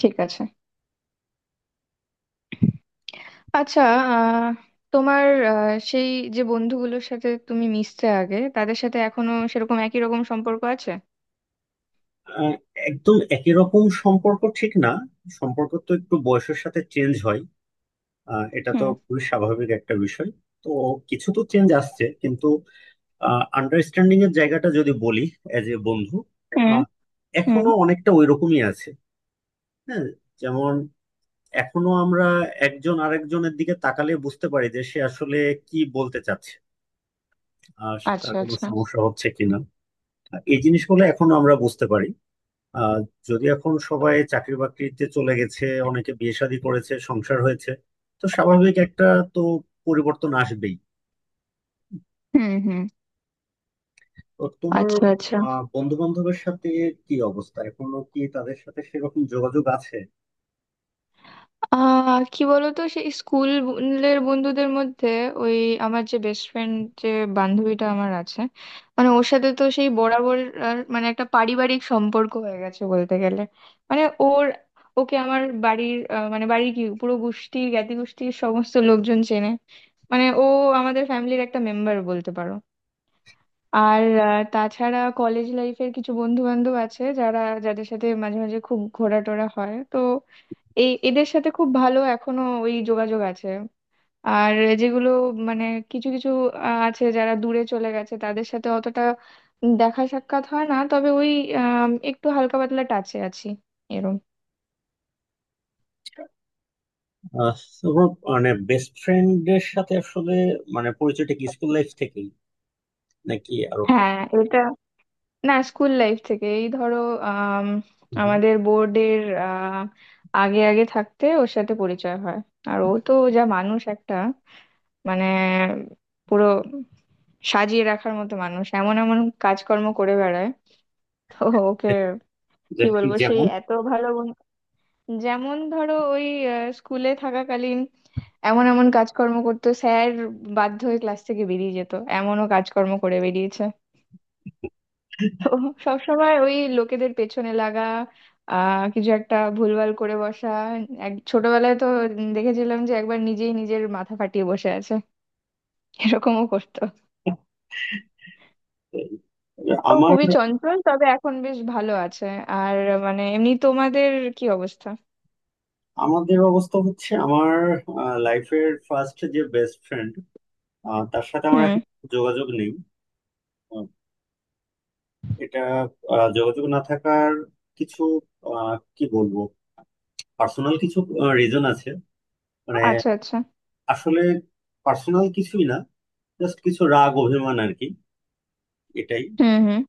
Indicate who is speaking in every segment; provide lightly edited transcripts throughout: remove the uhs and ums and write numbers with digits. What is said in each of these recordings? Speaker 1: ঠিক আছে। আচ্ছা। আহ, তোমার সেই যে বন্ধুগুলোর সাথে তুমি মিশতে আগে তাদের সাথে এখনো সেরকম একই রকম সম্পর্ক আছে?
Speaker 2: আহ, একদম একই রকম সম্পর্ক ঠিক না। সম্পর্ক তো একটু বয়সের সাথে চেঞ্জ হয়। এটা তো
Speaker 1: হুম
Speaker 2: খুবই স্বাভাবিক একটা বিষয়। তো কিছু তো চেঞ্জ আসছে, কিন্তু আন্ডারস্ট্যান্ডিং এর জায়গাটা যদি বলি, এজ এ বন্ধু,
Speaker 1: হুম
Speaker 2: আহ,
Speaker 1: হুম।
Speaker 2: এখনো অনেকটা ওই রকমই আছে। হ্যাঁ, যেমন এখনো আমরা একজন আরেকজনের দিকে তাকালে বুঝতে পারি যে সে আসলে কি বলতে চাচ্ছে, আর তার
Speaker 1: আচ্ছা,
Speaker 2: কোনো
Speaker 1: আচ্ছা।
Speaker 2: সমস্যা হচ্ছে কিনা। এই জিনিসগুলো এখনো আমরা বুঝতে পারি। আহ যদি এখন সবাই চাকরি বাকরিতে চলে গেছে, অনেকে বিয়ে শাদী করেছে, সংসার হয়েছে, তো স্বাভাবিক একটা, তো পরিবর্তন আসবেই।
Speaker 1: হুম হুম।
Speaker 2: তো তোমার
Speaker 1: আচ্ছা, আচ্ছা।
Speaker 2: বন্ধু বান্ধবের সাথে কি অবস্থা? এখনো কি তাদের সাথে সেরকম যোগাযোগ আছে?
Speaker 1: কি বলতো, সেই স্কুলের বন্ধুদের মধ্যে, ওই আমার যে বেস্ট ফ্রেন্ড, যে বান্ধবীটা আমার আছে, মানে ওর সাথে তো সেই বরাবর। আর মানে একটা পারিবারিক সম্পর্ক হয়ে গেছে বলতে গেলে। মানে ওর ওকে আমার বাড়ির মানে বাড়ির কি পুরো গোষ্ঠী জ্ঞাতি গোষ্ঠীর সমস্ত লোকজন চেনে। মানে ও আমাদের ফ্যামিলির একটা মেম্বার বলতে পারো। আর তাছাড়া কলেজ লাইফের কিছু বন্ধু বান্ধব আছে যারা, যাদের সাথে মাঝে মাঝে খুব ঘোরাটোরা হয়, তো এদের সাথে খুব ভালো এখনো ওই যোগাযোগ আছে। আর যেগুলো, মানে কিছু কিছু আছে যারা দূরে চলে গেছে, তাদের সাথে অতটা দেখা সাক্ষাৎ হয় না, তবে ওই একটু হালকা পাতলা টাচে আছি, এরম।
Speaker 2: আহ, তোমার মানে বেস্ট ফ্রেন্ডের সাথে আসলে মানে পরিচয়টা কি স্কুল লাইফ থেকেই, নাকি আরো পর?
Speaker 1: হ্যাঁ, এটা, না, স্কুল লাইফ থেকে এই ধরো, আম,
Speaker 2: হুম।
Speaker 1: আমাদের বোর্ডের আগে আগে থাকতে ওর সাথে পরিচয় হয়। আর ও তো যা মানুষ একটা, মানে পুরো সাজিয়ে রাখার মতো মানুষ, এমন এমন কাজকর্ম করে বেড়ায়। তো ওকে কি
Speaker 2: যে-
Speaker 1: বলবো, সেই
Speaker 2: যেমন,
Speaker 1: এত ভালো বন্ধু। যেমন ধরো ওই স্কুলে থাকাকালীন এমন এমন কাজকর্ম করতো, স্যার বাধ্য হয়ে ক্লাস থেকে বেরিয়ে যেত, এমনও কাজকর্ম করে বেরিয়েছে। তো সবসময় ওই লোকেদের পেছনে লাগা, কিছু একটা ভুলভাল করে বসা। এক ছোটবেলায় তো দেখেছিলাম যে একবার নিজেই নিজের মাথা ফাটিয়ে বসে আছে, এরকমও করতো।
Speaker 2: এই,
Speaker 1: তো
Speaker 2: আমার,
Speaker 1: খুবই চঞ্চল, তবে এখন বেশ ভালো আছে। আর মানে এমনি তোমাদের কি অবস্থা?
Speaker 2: আমাদের অবস্থা হচ্ছে আমার লাইফের ফার্স্ট যে বেস্ট ফ্রেন্ড, তার সাথে আমার
Speaker 1: হুম।
Speaker 2: এখন যোগাযোগ নেই। আহ, এটা, যোগাযোগ না থাকার কিছু, কি বলবো, পার্সোনাল কিছু রিজন আছে। মানে
Speaker 1: আচ্ছা, আচ্ছা।
Speaker 2: আসলে পার্সোনাল কিছুই না, জাস্ট কিছু রাগ অভিমান আর কি। এটাই,
Speaker 1: হুম হুম।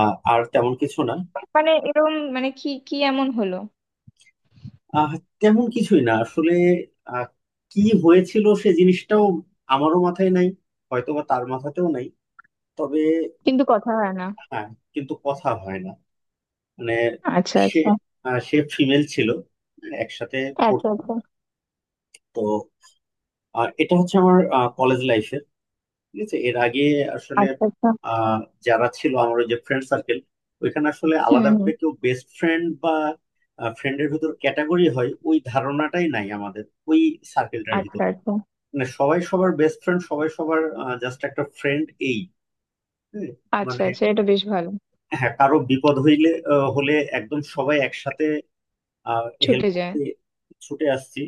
Speaker 2: আর তেমন কিছু না।
Speaker 1: মানে এরকম, মানে কি কি এমন হলো?
Speaker 2: আহ, তেমন কিছুই না আসলে। আহ, কি হয়েছিল সে জিনিসটাও আমারও মাথায় নাই, হয়তো বা তার মাথাতেও নাই। তবে
Speaker 1: কিন্তু কথা হয় না?
Speaker 2: হ্যাঁ, কিন্তু কথা হয় না। মানে
Speaker 1: আচ্ছা,
Speaker 2: সে,
Speaker 1: আচ্ছা।
Speaker 2: সে ফিমেল ছিল, একসাথে
Speaker 1: আচ্ছা,
Speaker 2: পড়তো।
Speaker 1: আচ্ছা।
Speaker 2: তো এটা হচ্ছে আমার কলেজ লাইফের। ঠিক আছে, এর আগে আসলে,
Speaker 1: আচ্ছা, আচ্ছা।
Speaker 2: আহ, যারা ছিল আমার ওই যে ফ্রেন্ড সার্কেল, ওইখানে আসলে
Speaker 1: হুম
Speaker 2: আলাদা
Speaker 1: হুম।
Speaker 2: করে কেউ বেস্ট ফ্রেন্ড বা ফ্রেন্ডের ভিতর ক্যাটাগরি হয় ওই ধারণাটাই নাই আমাদের ওই সার্কেলটার ভিতর।
Speaker 1: আচ্ছা, আচ্ছা।
Speaker 2: মানে সবাই সবার বেস্ট ফ্রেন্ড, সবাই সবার জাস্ট একটা ফ্রেন্ড, এই। হ্যাঁ,
Speaker 1: আচ্ছা,
Speaker 2: মানে
Speaker 1: আচ্ছা। এটা বেশ ভালো।
Speaker 2: হ্যাঁ, কারো বিপদ হইলে হলে একদম সবাই একসাথে, আর হেল্প
Speaker 1: ছুটে যায়।
Speaker 2: করতে ছুটে আসছি,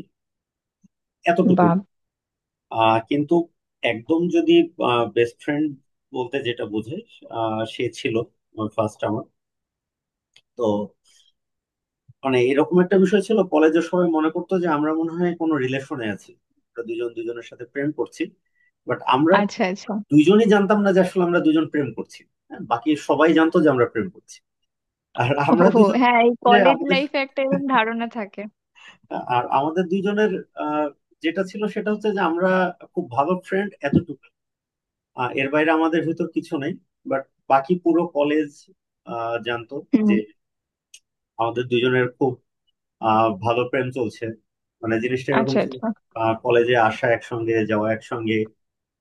Speaker 2: এতটুকুই।
Speaker 1: বাপ।
Speaker 2: কিন্তু একদম যদি বেস্ট ফ্রেন্ড বলতে যেটা বোঝে, সে ছিল ফার্স্ট আমার। তো মানে এরকম একটা বিষয় ছিল, কলেজের সবাই মনে করতো যে আমরা মনে হয় কোনো রিলেশনে আছি, আমরা দুজন দুজনের সাথে প্রেম করছি। বাট আমরা
Speaker 1: আচ্ছা, আচ্ছা।
Speaker 2: দুইজনই জানতাম না যে আসলে আমরা দুজন প্রেম করছি। হ্যাঁ, বাকি সবাই জানতো যে আমরা প্রেম করছি। আর
Speaker 1: ও,
Speaker 2: আমরা দুজন,
Speaker 1: হ্যাঁ, এই
Speaker 2: যে
Speaker 1: কলেজ
Speaker 2: আমাদের,
Speaker 1: লাইফে একটা এরকম ধারণা থাকে।
Speaker 2: আর আমাদের দুইজনের আহ, যেটা ছিল সেটা হচ্ছে যে আমরা খুব ভালো ফ্রেন্ড, এতটুকু। এর বাইরে আমাদের ভিতর কিছু নেই। বাট বাকি পুরো কলেজ জানতো
Speaker 1: হুম।
Speaker 2: যে আমাদের দুইজনের খুব ভালো প্রেম চলছে। মানে জিনিসটা এরকম
Speaker 1: আচ্ছা,
Speaker 2: ছিল,
Speaker 1: আচ্ছা।
Speaker 2: কলেজে আসা একসঙ্গে, যাওয়া একসঙ্গে,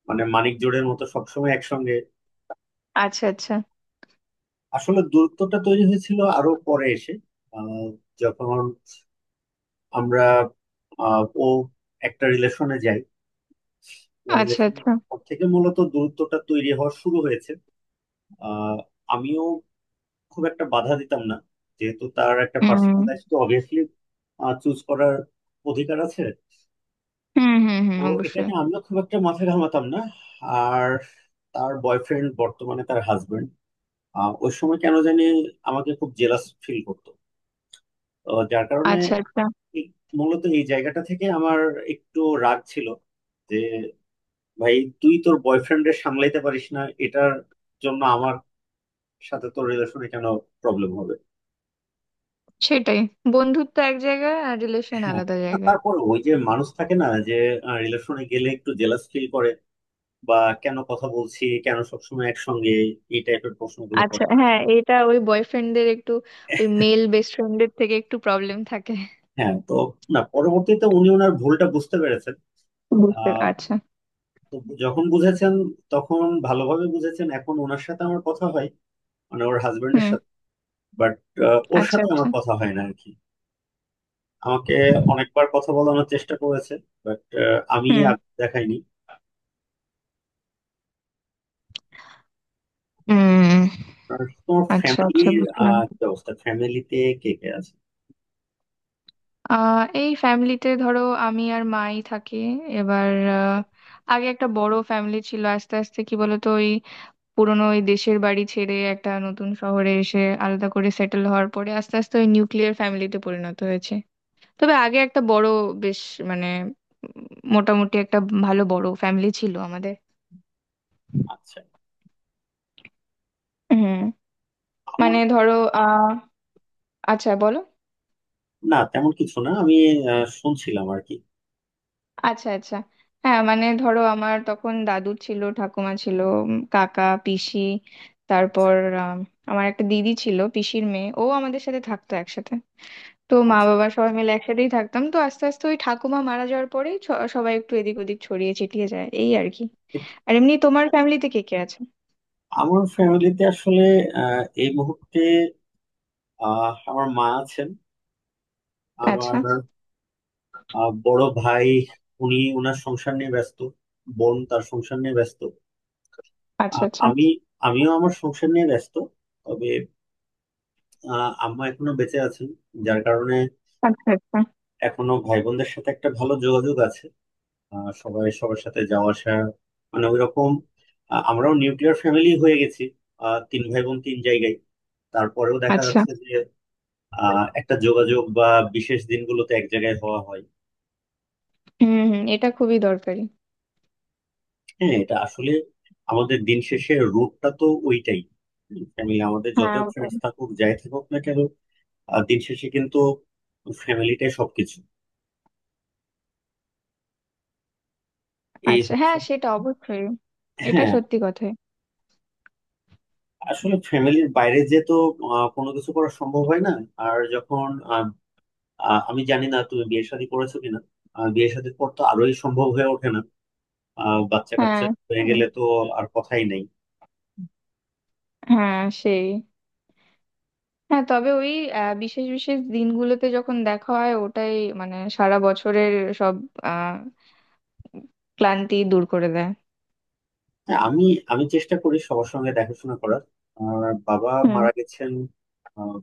Speaker 2: মানে মানিক জোড়ের মতো সবসময় একসঙ্গে।
Speaker 1: আচ্ছা, আচ্ছা।
Speaker 2: আসলে দূরত্বটা তৈরি হয়েছিল আরো পরে এসে, আহ, যখন আমরা, ও একটা রিলেশনে যাই।
Speaker 1: আচ্ছা,
Speaker 2: কোরিলেশন
Speaker 1: আচ্ছা।
Speaker 2: থেকে মূলত দূরত্বটা তৈরি হওয়া শুরু হয়েছে। আহ, আমিও খুব একটা বাধা দিতাম না, যেহেতু তার একটা
Speaker 1: হুম
Speaker 2: পার্সোনাল লাইফ তো অবভিয়াসলি চুজ করার অধিকার আছে।
Speaker 1: হুম হুম। হুম,
Speaker 2: তো এটা
Speaker 1: অবশ্যই।
Speaker 2: নিয়ে আমিও খুব একটা মাথা ঘামাতাম না। আর তার বয়ফ্রেন্ড, বর্তমানে তার হাজবেন্ড, ওই সময় কেন জানি আমাকে খুব জেলাস ফিল করতো। তো যার কারণে
Speaker 1: আচ্ছা, আচ্ছা।
Speaker 2: এই- মূলত এই জায়গাটা থেকে আমার একটু রাগ ছিল যে ভাই, তুই তোর বয়ফ্রেন্ডের সামলাইতে পারিস না, এটার জন্য আমার সাথে তো রিলেশনে কেন প্রবলেম হবে।
Speaker 1: সেটাই, বন্ধুত্ব এক জায়গায় আর রিলেশন
Speaker 2: হ্যাঁ,
Speaker 1: আলাদা জায়গায়।
Speaker 2: তারপর ওই যে মানুষ থাকে না যে রিলেশনে গেলে একটু জেলাস ফিল করে, বা কেন কথা বলছি, কেন সবসময় একসঙ্গে, এই টাইপের প্রশ্নগুলো
Speaker 1: আচ্ছা,
Speaker 2: করে।
Speaker 1: হ্যাঁ, এটা ওই বয়ফ্রেন্ডদের একটু, ওই মেল বেস্ট ফ্রেন্ডদের থেকে একটু প্রবলেম থাকে।
Speaker 2: হ্যাঁ তো না, পরবর্তীতে উনি ওনার ভুলটা বুঝতে পেরেছেন।
Speaker 1: বুঝতে,
Speaker 2: আহ
Speaker 1: আচ্ছা।
Speaker 2: তো যখন বুঝেছেন তখন ভালোভাবে বুঝেছেন, এখন ওনার সাথে আমার কথা হয়, মানে ওর হাজবেন্ডের
Speaker 1: হুম।
Speaker 2: সাথে। বাট ওর
Speaker 1: আচ্ছা,
Speaker 2: সাথে আমার
Speaker 1: আচ্ছা।
Speaker 2: কথা হয় না আর কি। আমাকে অনেকবার কথা বলানোর চেষ্টা করেছে, বাট আমি
Speaker 1: হুম
Speaker 2: আর দেখাইনি।
Speaker 1: হুম।
Speaker 2: আর তোমার
Speaker 1: আচ্ছা, আচ্ছা,
Speaker 2: ফ্যামিলির
Speaker 1: বুঝলাম।
Speaker 2: কি অবস্থা? ফ্যামিলিতে কে কে আছে?
Speaker 1: এই ফ্যামিলিতে ধরো আমি আর মাই থাকি এবার। আহ, আগে একটা বড় ফ্যামিলি ছিল, আস্তে আস্তে কি বলতো, ওই পুরোনো ওই দেশের বাড়ি ছেড়ে একটা নতুন শহরে এসে আলাদা করে সেটেল হওয়ার পরে আস্তে আস্তে ওই নিউক্লিয়ার ফ্যামিলিতে পরিণত হয়েছে। তবে আগে একটা বড়, বেশ, মানে, উম মোটামুটি একটা ভালো বড় ফ্যামিলি ছিল আমাদের।
Speaker 2: আচ্ছা,
Speaker 1: হুম।
Speaker 2: আমার,
Speaker 1: মানে ধরো, আহ আচ্ছা বলো।
Speaker 2: না, তেমন কিছু না, আমি শুনছিলাম আর কি।
Speaker 1: আচ্ছা, আচ্ছা। হ্যাঁ, মানে ধরো আমার তখন দাদু ছিল, ঠাকুমা ছিল, কাকা পিসি, তারপর আম, আমার একটা দিদি ছিল, পিসির মেয়ে, ও আমাদের সাথে থাকতো একসাথে। তো মা
Speaker 2: আচ্ছা।
Speaker 1: বাবা সবাই মিলে একসাথেই থাকতাম। তো আস্তে আস্তে ওই ঠাকুমা মারা যাওয়ার পরেই সবাই একটু এদিক ওদিক ছড়িয়ে ছিটিয়ে যায়, এই আর কি। আর এমনি তোমার ফ্যামিলিতে কে কে আছে?
Speaker 2: আমার ফ্যামিলিতে আসলে এই মুহূর্তে আমার মা আছেন,
Speaker 1: আচ্ছা।
Speaker 2: আমার বড় ভাই, উনি ওনার সংসার নিয়ে ব্যস্ত, বোন তার সংসার নিয়ে ব্যস্ত,
Speaker 1: আচ্ছা,
Speaker 2: আর
Speaker 1: আচ্ছা।
Speaker 2: আমি, আমিও আমার সংসার নিয়ে ব্যস্ত। তবে আম্মা এখনো বেঁচে আছেন, যার কারণে
Speaker 1: আচ্ছা, আচ্ছা।
Speaker 2: এখনো ভাই বোনদের সাথে একটা ভালো যোগাযোগ আছে। সবাই সবার সাথে যাওয়া আসা, মানে ওইরকম। আমরাও নিউক্লিয়ার ফ্যামিলি হয়ে গেছি। তিন ভাই বোন তিন জায়গায়, তারপরেও দেখা
Speaker 1: আচ্ছা।
Speaker 2: যাচ্ছে যে একটা যোগাযোগ বা বিশেষ দিনগুলোতে এক জায়গায় হওয়া হয়।
Speaker 1: হুম হুম, এটা খুবই দরকারি।
Speaker 2: হ্যাঁ এটা আসলে আমাদের দিন শেষে রুটটা তো ওইটাই, ফ্যামিলি। আমাদের যত
Speaker 1: হ্যাঁ, ওটাই।
Speaker 2: ফ্রেন্ডস থাকুক, যাই থাকুক না কেন, দিন শেষে কিন্তু ফ্যামিলিটাই সবকিছু। এই
Speaker 1: আচ্ছা,
Speaker 2: হচ্ছে।
Speaker 1: হ্যাঁ, সেটা অবশ্যই। এটা
Speaker 2: হ্যাঁ,
Speaker 1: সত্যি কথাই।
Speaker 2: আসলে ফ্যামিলির বাইরে যে তো কোনো কিছু করা সম্ভব হয় না। আর যখন আমি জানি না তুমি বিয়ে শাদী করেছো কিনা, বিয়ে শাদীর পর তো আরোই সম্ভব হয়ে ওঠে না। বাচ্চা কাচ্চা
Speaker 1: হ্যাঁ।
Speaker 2: হয়ে
Speaker 1: উম,
Speaker 2: গেলে তো আর কথাই নেই।
Speaker 1: হ্যাঁ, সেই। হ্যাঁ, তবে ওই বিশেষ বিশেষ দিনগুলোতে যখন দেখা হয় ওটাই, মানে সারা বছরের সব আহ ক্লান্তি দূর করে দেয়।
Speaker 2: হ্যাঁ আমি, আমি চেষ্টা করি সবার সঙ্গে দেখাশোনা করার। আমার বাবা
Speaker 1: হুম।
Speaker 2: মারা গেছেন আহ,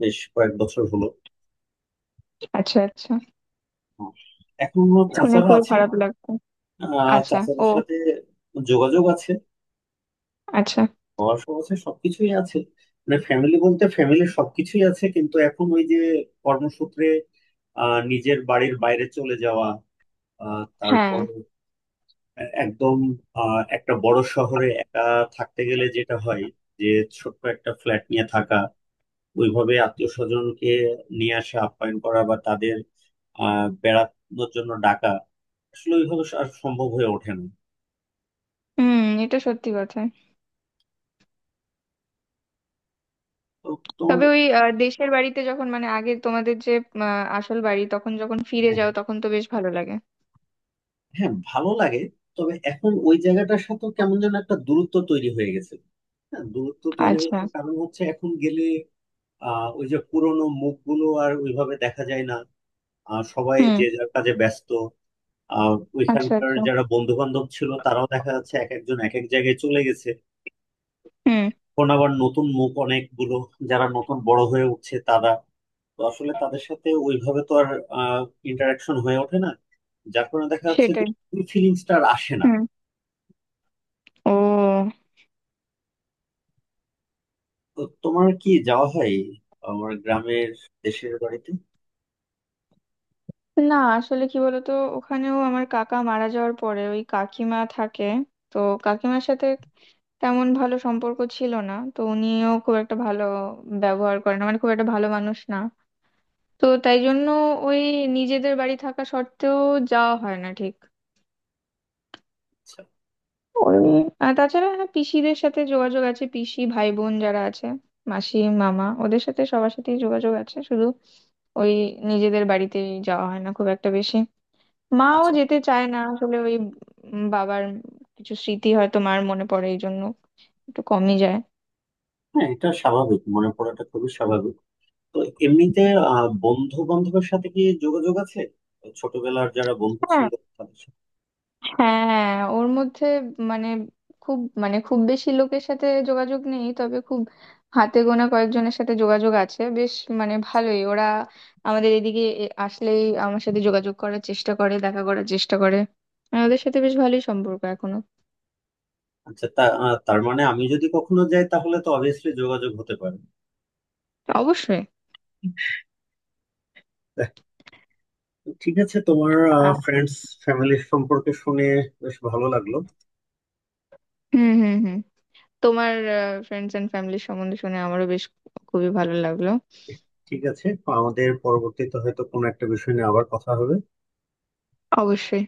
Speaker 2: বেশ কয়েক বছর হলো।
Speaker 1: আচ্ছা, আচ্ছা।
Speaker 2: আহ, এখনো
Speaker 1: শুনে
Speaker 2: চাচারা
Speaker 1: খুবই
Speaker 2: আছেন।
Speaker 1: খারাপ লাগতো। আচ্ছা।
Speaker 2: চাচাদের
Speaker 1: ও।
Speaker 2: সাথে যোগাযোগ আছে,
Speaker 1: আচ্ছা।
Speaker 2: পড়াশোনা আছে, সবকিছুই আছে। মানে ফ্যামিলি বলতে ফ্যামিলির সবকিছুই আছে, কিন্তু এখন ওই যে কর্মসূত্রে নিজের বাড়ির বাইরে চলে যাওয়া,
Speaker 1: হ্যাঁ।
Speaker 2: তারপর একদম একটা বড় শহরে একা থাকতে গেলে যেটা হয় যে ছোট্ট একটা ফ্ল্যাট নিয়ে থাকা, ওইভাবে আত্মীয় স্বজনকে নিয়ে আসা, আপ্যায়ন করা বা তাদের বেড়ানোর জন্য ডাকা আসলে ওইভাবে আর সম্ভব হয়ে ওঠে না।
Speaker 1: হুম, এটা সত্যি কথা।
Speaker 2: তো তোমার,
Speaker 1: তবে ওই দেশের বাড়িতে যখন, মানে আগে তোমাদের যে আসল বাড়ি, তখন যখন ফিরে
Speaker 2: হ্যাঁ
Speaker 1: যাও
Speaker 2: হ্যাঁ,
Speaker 1: তখন তো বেশ ভালো লাগে।
Speaker 2: হ্যাঁ, ভালো লাগে। তবে এখন ওই জায়গাটার সাথে কেমন যেন একটা দূরত্ব তৈরি হয়ে গেছে। হ্যাঁ দূরত্ব তৈরি হয়ে
Speaker 1: আচ্ছা।
Speaker 2: গেছে, কারণ হচ্ছে এখন গেলে ওই যে পুরোনো মুখগুলো আর ওইভাবে দেখা যায় না। সবাই
Speaker 1: হুম।
Speaker 2: যে যার কাজে ব্যস্ত। আহ
Speaker 1: আচ্ছা,
Speaker 2: ওইখানকার
Speaker 1: আচ্ছা।
Speaker 2: যারা বন্ধু বান্ধব ছিল তারাও দেখা যাচ্ছে এক একজন এক এক জায়গায় চলে গেছে।
Speaker 1: হুম।
Speaker 2: এখন আবার নতুন মুখ অনেকগুলো, যারা নতুন বড় হয়ে উঠছে, তারা, তো আসলে তাদের সাথে ওইভাবে তো আর ইন্টারাকশন হয়ে ওঠে না। যার কারণে দেখা যাচ্ছে যে
Speaker 1: সেটাই।
Speaker 2: ওই ফিলিংসটা আর আসে না।
Speaker 1: হুম। ও।
Speaker 2: তো তোমার কি যাওয়া হয় আমার গ্রামের, দেশের বাড়িতে?
Speaker 1: না আসলে কি বলতো, ওখানেও আমার কাকা মারা যাওয়ার পরে ওই কাকিমা থাকে। তো কাকিমার সাথে তেমন ভালো সম্পর্ক ছিল না, তো উনিও খুব একটা ভালো ব্যবহার করেন, মানে খুব একটা ভালো মানুষ না। তো তাই জন্য ওই নিজেদের বাড়ি থাকা সত্ত্বেও যাওয়া হয় না ঠিক
Speaker 2: আচ্ছা,
Speaker 1: করবি। আর তাছাড়া হ্যাঁ, পিসিদের সাথে যোগাযোগ আছে, পিসি ভাই বোন যারা আছে, মাসি মামা, ওদের সাথে সবার সাথেই যোগাযোগ আছে। শুধু ওই নিজেদের বাড়িতে যাওয়া হয় না খুব একটা বেশি। মাও
Speaker 2: আচ্ছা,
Speaker 1: যেতে চায় না আসলে, ওই বাবার কিছু স্মৃতি হয়তো মার মনে পড়ে, এই জন্য একটু কমই যায়।
Speaker 2: হ্যাঁ এটা স্বাভাবিক, মনে পড়াটা খুবই স্বাভাবিক। তো এমনিতে বন্ধু বান্ধবের সাথে কি যোগাযোগ আছে? ছোটবেলার যারা বন্ধু ছিল, তাদের সাথে?
Speaker 1: হ্যাঁ, ওর মধ্যে মানে খুব মানে খুব বেশি লোকের সাথে যোগাযোগ নেই, তবে খুব হাতে গোনা কয়েকজনের সাথে যোগাযোগ আছে। বেশ মানে ভালোই, ওরা আমাদের এদিকে আসলেই আমার সাথে যোগাযোগ করার চেষ্টা করে, দেখা করার চেষ্টা করে। আর ওদের সাথে বেশ ভালোই সম্পর্ক এখনো।
Speaker 2: আচ্ছা, তা তার মানে আমি যদি কখনো যাই তাহলে তো অবভিয়াসলি যোগাযোগ হতে পারে।
Speaker 1: অবশ্যই।
Speaker 2: ঠিক আছে, তোমার
Speaker 1: আ-
Speaker 2: ফ্রেন্ডস, ফ্যামিলির সম্পর্কে শুনে বেশ ভালো লাগলো।
Speaker 1: হুম হুম হুম। তোমার ফ্রেন্ডস এন্ড ফ্যামিলির সম্বন্ধে শুনে আমারও বেশ খুবই ভালো লাগলো।
Speaker 2: ঠিক আছে, আমাদের পরবর্তীতে হয়তো কোনো একটা বিষয় নিয়ে আবার কথা হবে।
Speaker 1: অবশ্যই।